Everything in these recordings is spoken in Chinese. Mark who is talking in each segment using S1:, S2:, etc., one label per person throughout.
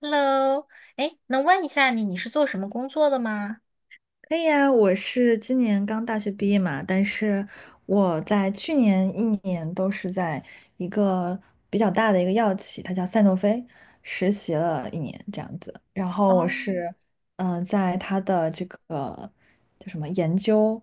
S1: Hello，哎，能问一下你，你是做什么工作的吗？
S2: 可以啊，我是今年刚大学毕业嘛，但是我在去年一年都是在一个比较大的一个药企，它叫赛诺菲，实习了一年这样子。然后我
S1: 哦，
S2: 是，在它的这个叫什么研究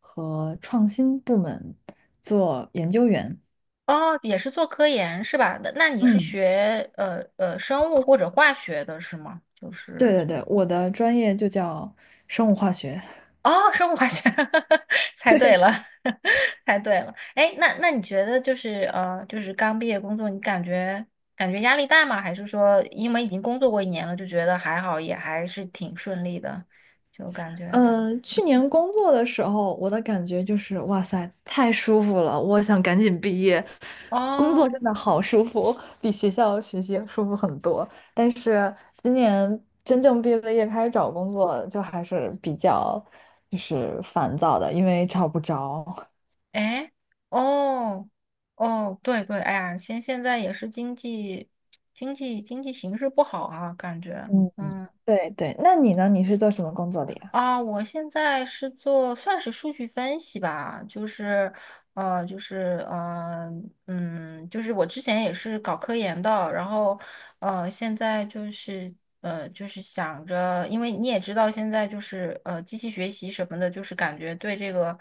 S2: 和创新部门做研究员。
S1: 哦，也是做科研是吧？那你是
S2: 嗯，
S1: 学生物或者化学的是吗？就
S2: 对
S1: 是
S2: 对对，我的专业就叫生物化学。
S1: 哦，生物化学，猜对了，猜对了。哎，那你觉得就是刚毕业工作，你感觉压力大吗？还是说因为已经工作过一年了，就觉得还好，也还是挺顺利的，就感觉
S2: 去年工作的时候，我的感觉就是，哇塞，太舒服了，我想赶紧毕业。工作真
S1: 哦。
S2: 的好舒服，比学校学习舒服很多。但是今年真正毕了业开始找工作，就还是比较就是烦躁的，因为找不着。
S1: 哎，哦，哦，对对，哎呀，现在也是经济 经济形势不好啊，感觉，
S2: 嗯，
S1: 嗯
S2: 对对，那你呢？你是做什么工作的呀？
S1: 啊，我现在是做算是数据分析吧，呃，就是呃，就是我之前也是搞科研的，然后现在就是想着，因为你也知道，现在就是机器学习什么的，就是感觉对这个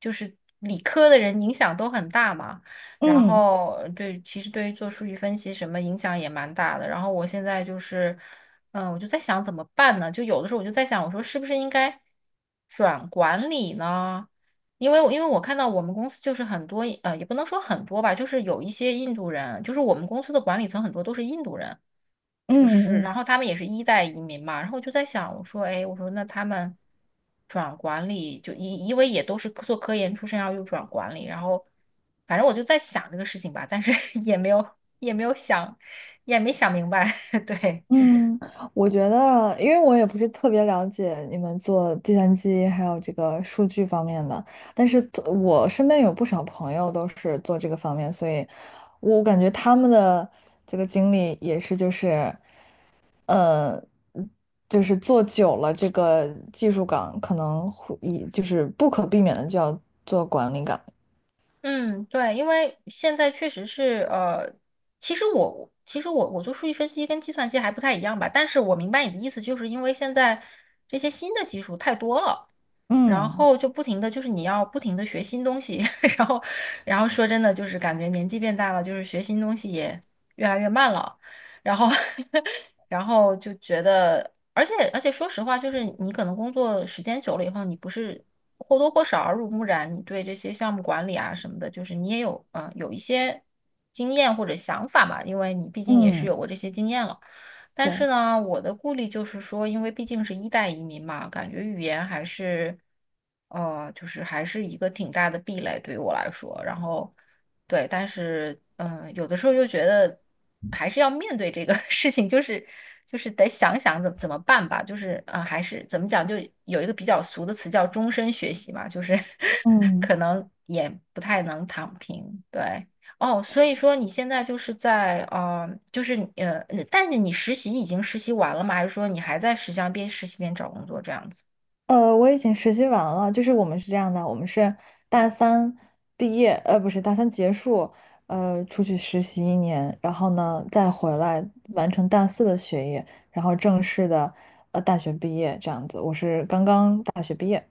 S1: 就是理科的人影响都很大嘛。然
S2: 嗯
S1: 后对，其实对于做数据分析什么影响也蛮大的。然后我现在就是，我就在想怎么办呢？就有的时候我就在想，我说是不是应该转管理呢？因为我看到我们公司就是很多，也不能说很多吧，就是有一些印度人，就是我们公司的管理层很多都是印度人。就是，
S2: 嗯嗯
S1: 然后他们也是一代移民嘛，然后我就在想，我说，哎，我说那他们转管理，就因为也都是做科研出身，然后又转管理，然后反正我就在想这个事情吧，但是 也没有也没有想，也没想明白，对。
S2: 嗯，我觉得，因为我也不是特别了解你们做计算机还有这个数据方面的，但是做我身边有不少朋友都是做这个方面，所以我感觉他们的这个经历也是，就是，呃，就是做久了这个技术岗，可能会以就是不可避免的就要做管理岗。
S1: 嗯，对，因为现在确实是，其实我做数据分析跟计算机还不太一样吧，但是我明白你的意思，就是因为现在这些新的技术太多了，然
S2: 嗯
S1: 后就不停的就是你要不停的学新东西，然后然后说真的就是感觉年纪变大了，就是学新东西也越来越慢了，然后 就觉得，而且说实话，就是你可能工作时间久了以后，你不是或多或少耳濡目染，你对这些项目管理啊什么的，就是你也有一些经验或者想法嘛，因为你毕竟也是
S2: 嗯，
S1: 有过这些经验了。但是
S2: 对，
S1: 呢，我的顾虑就是说，因为毕竟是一代移民嘛，感觉语言还是一个挺大的壁垒对于我来说。然后，对，但是，有的时候又觉得还是要面对这个 事情，就是得想想怎么办吧。就是，还是怎么讲，就有一个比较俗的词叫终身学习嘛，就是
S2: 嗯。
S1: 可能也不太能躺平。对，哦，所以说你现在就是在就是你但是你实习已经实习完了吗？还是说你还在实习上边实习边找工作这样子？
S2: 我已经实习完了，就是我们是这样的，我们是大三毕业，呃，不是大三结束，出去实习一年，然后呢再回来完成大四的学业，然后正式的大学毕业这样子。我是刚刚大学毕业。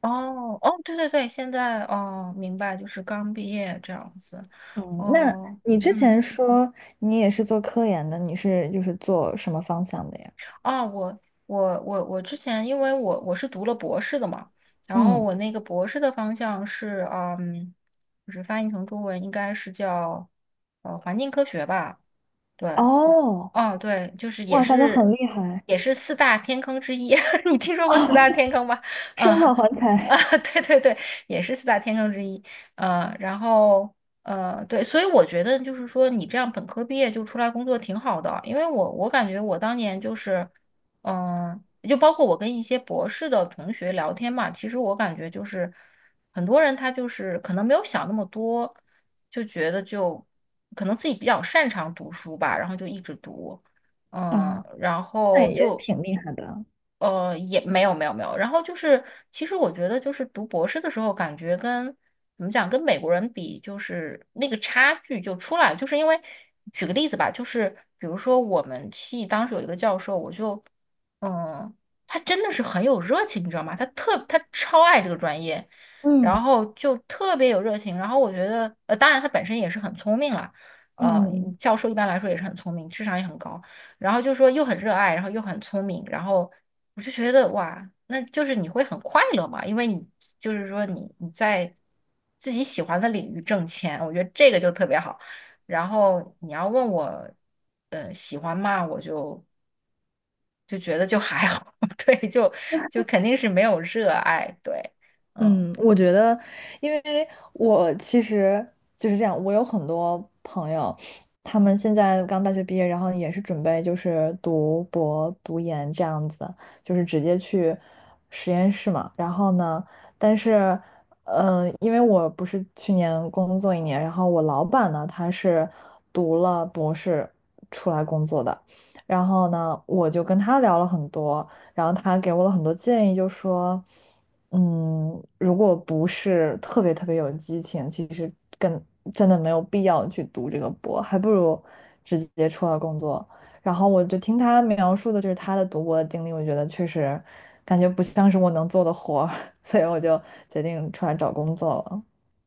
S1: 哦哦，对对对，现在哦，明白，就是刚毕业这样子。
S2: 嗯，那
S1: 哦，
S2: 你之前
S1: 嗯，
S2: 说你也是做科研的，你是就是做什么方向的呀？
S1: 哦，我之前因为我是读了博士的嘛，然后
S2: 嗯，
S1: 我那个博士的方向是就是翻译成中文应该是叫环境科学吧。对，
S2: 哦，
S1: 哦，对，就是也
S2: 哇塞，那
S1: 是
S2: 很厉害，
S1: 也是四大天坑之一。你听说过四大天坑吗？
S2: 生化
S1: 嗯
S2: 环
S1: 啊，
S2: 材，
S1: 对对对，也是四大天坑之一。嗯，然后对，所以我觉得就是说，你这样本科毕业就出来工作挺好的，因为我感觉我当年就是，嗯、就包括我跟一些博士的同学聊天嘛，其实我感觉就是很多人他就是可能没有想那么多。就觉得就可能自己比较擅长读书吧，然后就一直读，嗯，
S2: 啊，
S1: 然
S2: 那
S1: 后
S2: 也
S1: 就
S2: 挺厉害的。
S1: 也没有没有没有。然后就是，其实我觉得就是读博士的时候，感觉跟怎么讲，跟美国人比，就是那个差距就出来了。就是因为举个例子吧，就是比如说我们系当时有一个教授，我就嗯，他真的是很有热情，你知道吗？他超爱这个专业，然
S2: 嗯
S1: 后就特别有热情。然后我觉得，当然他本身也是很聪明了，呃，
S2: 嗯嗯。
S1: 教授一般来说也是很聪明，智商也很高，然后就说又很热爱，然后又很聪明，然后我就觉得哇，那就是你会很快乐嘛，因为你就是说你在自己喜欢的领域挣钱，我觉得这个就特别好。然后你要问我，喜欢吗？我就觉得就还好，对，就肯定是没有热爱，对，嗯。
S2: 嗯，我觉得，因为我其实就是这样，我有很多朋友，他们现在刚大学毕业，然后也是准备就是读博、读研这样子的，就是直接去实验室嘛。然后呢，但是，因为我不是去年工作一年，然后我老板呢，他是读了博士出来工作的，然后呢，我就跟他聊了很多。然后他给我了很多建议，就说，嗯，如果不是特别特别有激情，其实更真的没有必要去读这个博，还不如直接出来工作。然后我就听他描述的就是他的读博的经历，我觉得确实感觉不像是我能做的活儿，所以我就决定出来找工作了。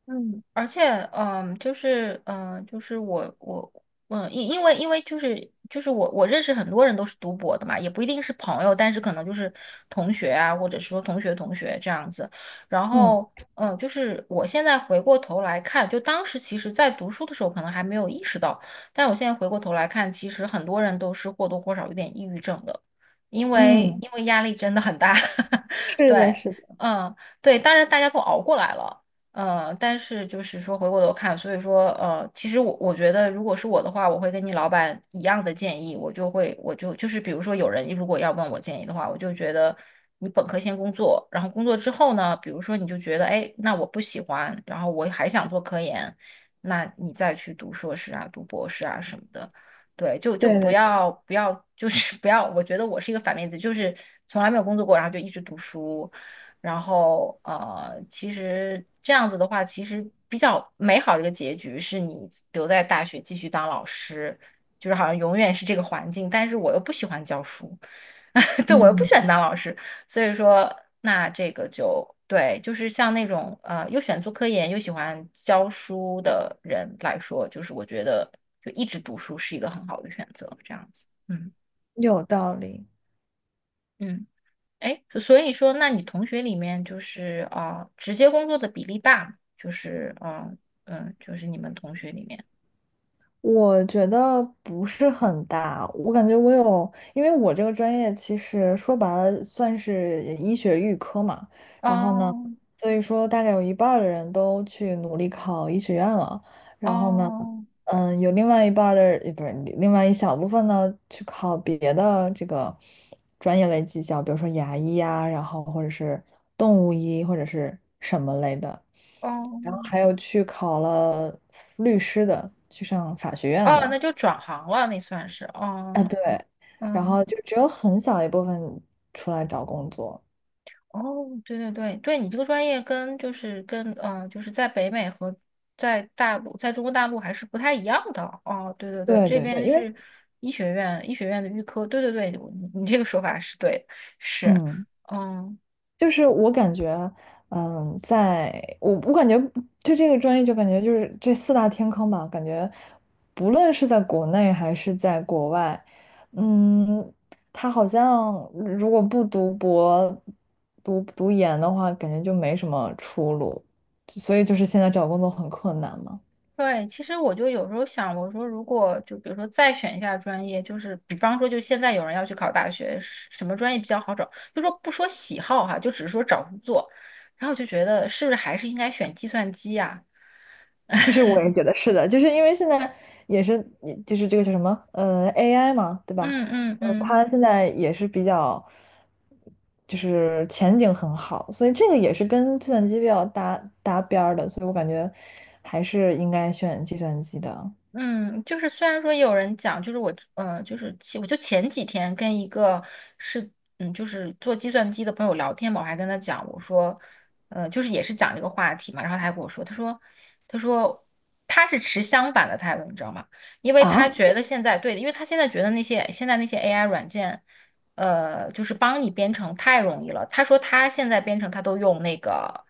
S1: 嗯，而且，就是我，因为，因为就是我认识很多人都是读博的嘛，也不一定是朋友，但是可能就是同学啊，或者说同学这样子。然
S2: 嗯
S1: 后，就是我现在回过头来看，就当时其实在读书的时候可能还没有意识到，但我现在回过头来看，其实很多人都是或多或少有点抑郁症的，因
S2: 嗯，
S1: 为
S2: 嗯，
S1: 因为压力真的很大，
S2: 是的，
S1: 对，
S2: 是的，
S1: 嗯，对，当然大家都熬过来了。但是就是说回过头看，所以说其实我觉得，如果是我的话，我会跟你老板一样的建议，我就会我就就是比如说有人如果要问我建议的话，我就觉得你本科先工作，然后工作之后呢，比如说你就觉得哎，那我不喜欢，然后我还想做科研，那你再去读硕士啊，读博士啊什么的，对，就
S2: 对
S1: 不
S2: 对对，
S1: 要不要就是 不要，我觉得我是一个反面例子，就是从来没有工作过，然后就一直读书。然后其实这样子的话，其实比较美好的一个结局是你留在大学继续当老师，就是好像永远是这个环境，但是我又不喜欢教书，对，我又不
S2: 嗯，
S1: 喜欢当老师，所以说那这个就对，就是像那种又选做科研又喜欢教书的人来说，就是我觉得就一直读书是一个很好的选择，这样子，嗯。
S2: 有道理。
S1: 嗯。哎，所以说，那你同学里面就是啊直接工作的比例大吗就是啊，就是你们同学里面，
S2: 我觉得不是很大，我感觉我有，因为我这个专业其实说白了算是医学预科嘛，然后呢，
S1: 哦
S2: 所以说大概有一半儿的人都去努力考医学院了，然后呢。
S1: 哦
S2: 嗯，有另外一半儿的，不是另外一小部分呢，去考别的这个专业类技校，比如说牙医呀、然后或者是动物医或者是什么类的，
S1: 哦
S2: 然后还有去考了律师的，去上法学院
S1: 哦，
S2: 的，
S1: 那就转行了，那算是
S2: 啊
S1: 哦
S2: 对，然
S1: 嗯
S2: 后就只有很小一部分出来找工作，
S1: 哦，对对对对，你这个专业跟就是跟呃，就是在北美和在大陆，在中国大陆还是不太一样的哦。对对对，
S2: 对
S1: 这
S2: 对对，
S1: 边
S2: 因为。
S1: 是医学院，医学院的预科，对对对，你这个说法是对的是。
S2: 嗯。
S1: 嗯，
S2: 就是我感觉，嗯，在我感觉就这个专业，就感觉就是这四大天坑吧，感觉不论是在国内还是在国外，嗯，他好像如果不读博、读研的话，感觉就没什么出路，所以就是现在找工作很困难嘛。
S1: 对，其实我就有时候想，我说如果就比如说再选一下专业，就是比方说，就现在有人要去考大学，是什么专业比较好找？就说不说喜好哈，就只是说找工作，然后我就觉得是不是还是应该选计算机呀？
S2: 其实我也觉得是的，就是因为现在也是，就是这个叫什么，AI 嘛，对吧？
S1: 嗯嗯嗯。
S2: 它现在也是比较，就是前景很好，所以这个也是跟计算机比较搭边儿的，所以我感觉还是应该选计算机的
S1: 嗯，就是虽然说有人讲，就是我就前几天跟一个是，就是做计算机的朋友聊天嘛，我还跟他讲，我说，就是也是讲这个话题嘛，然后他还跟我说，他说他是持相反的态度，你知道吗？因为他
S2: 啊。
S1: 觉得现在对，因为他现在觉得那些 AI 软件，就是帮你编程太容易了。他说他现在编程他都用那个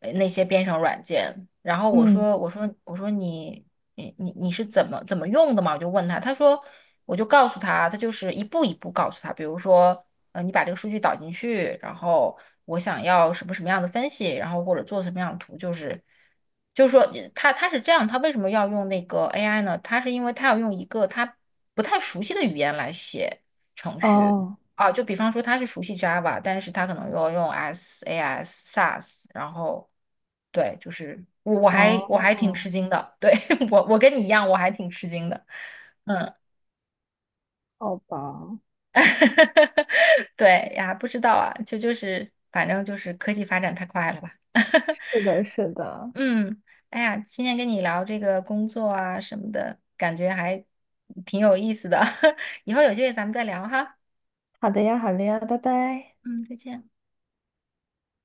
S1: 呃那些编程软件，然后我
S2: 嗯，
S1: 说我说我说你。你是怎么用的嘛？我就问他，他说我就告诉他，他就是一步一步告诉他，比如说，你把这个数据导进去，然后我想要什么什么样的分析，然后或者做什么样的图，就是说他是这样，他为什么要用那个 AI 呢？他是因为他要用一个他不太熟悉的语言来写程序，
S2: 哦，
S1: 啊，就比方说他是熟悉 Java，但是他可能要用 S、AS、SAS，然后对，就是我还挺
S2: 哦，
S1: 吃惊的，对，我跟你一样，我还挺吃惊的，
S2: 好吧。
S1: 对呀，不知道啊，就是反正就是科技发展太快了吧，
S2: 是的，是的，
S1: 嗯，哎呀，今天跟你聊这个工作啊什么的，感觉还挺有意思的，以后有机会咱们再聊哈，
S2: 好的呀，好的呀，拜拜。
S1: 嗯，再见。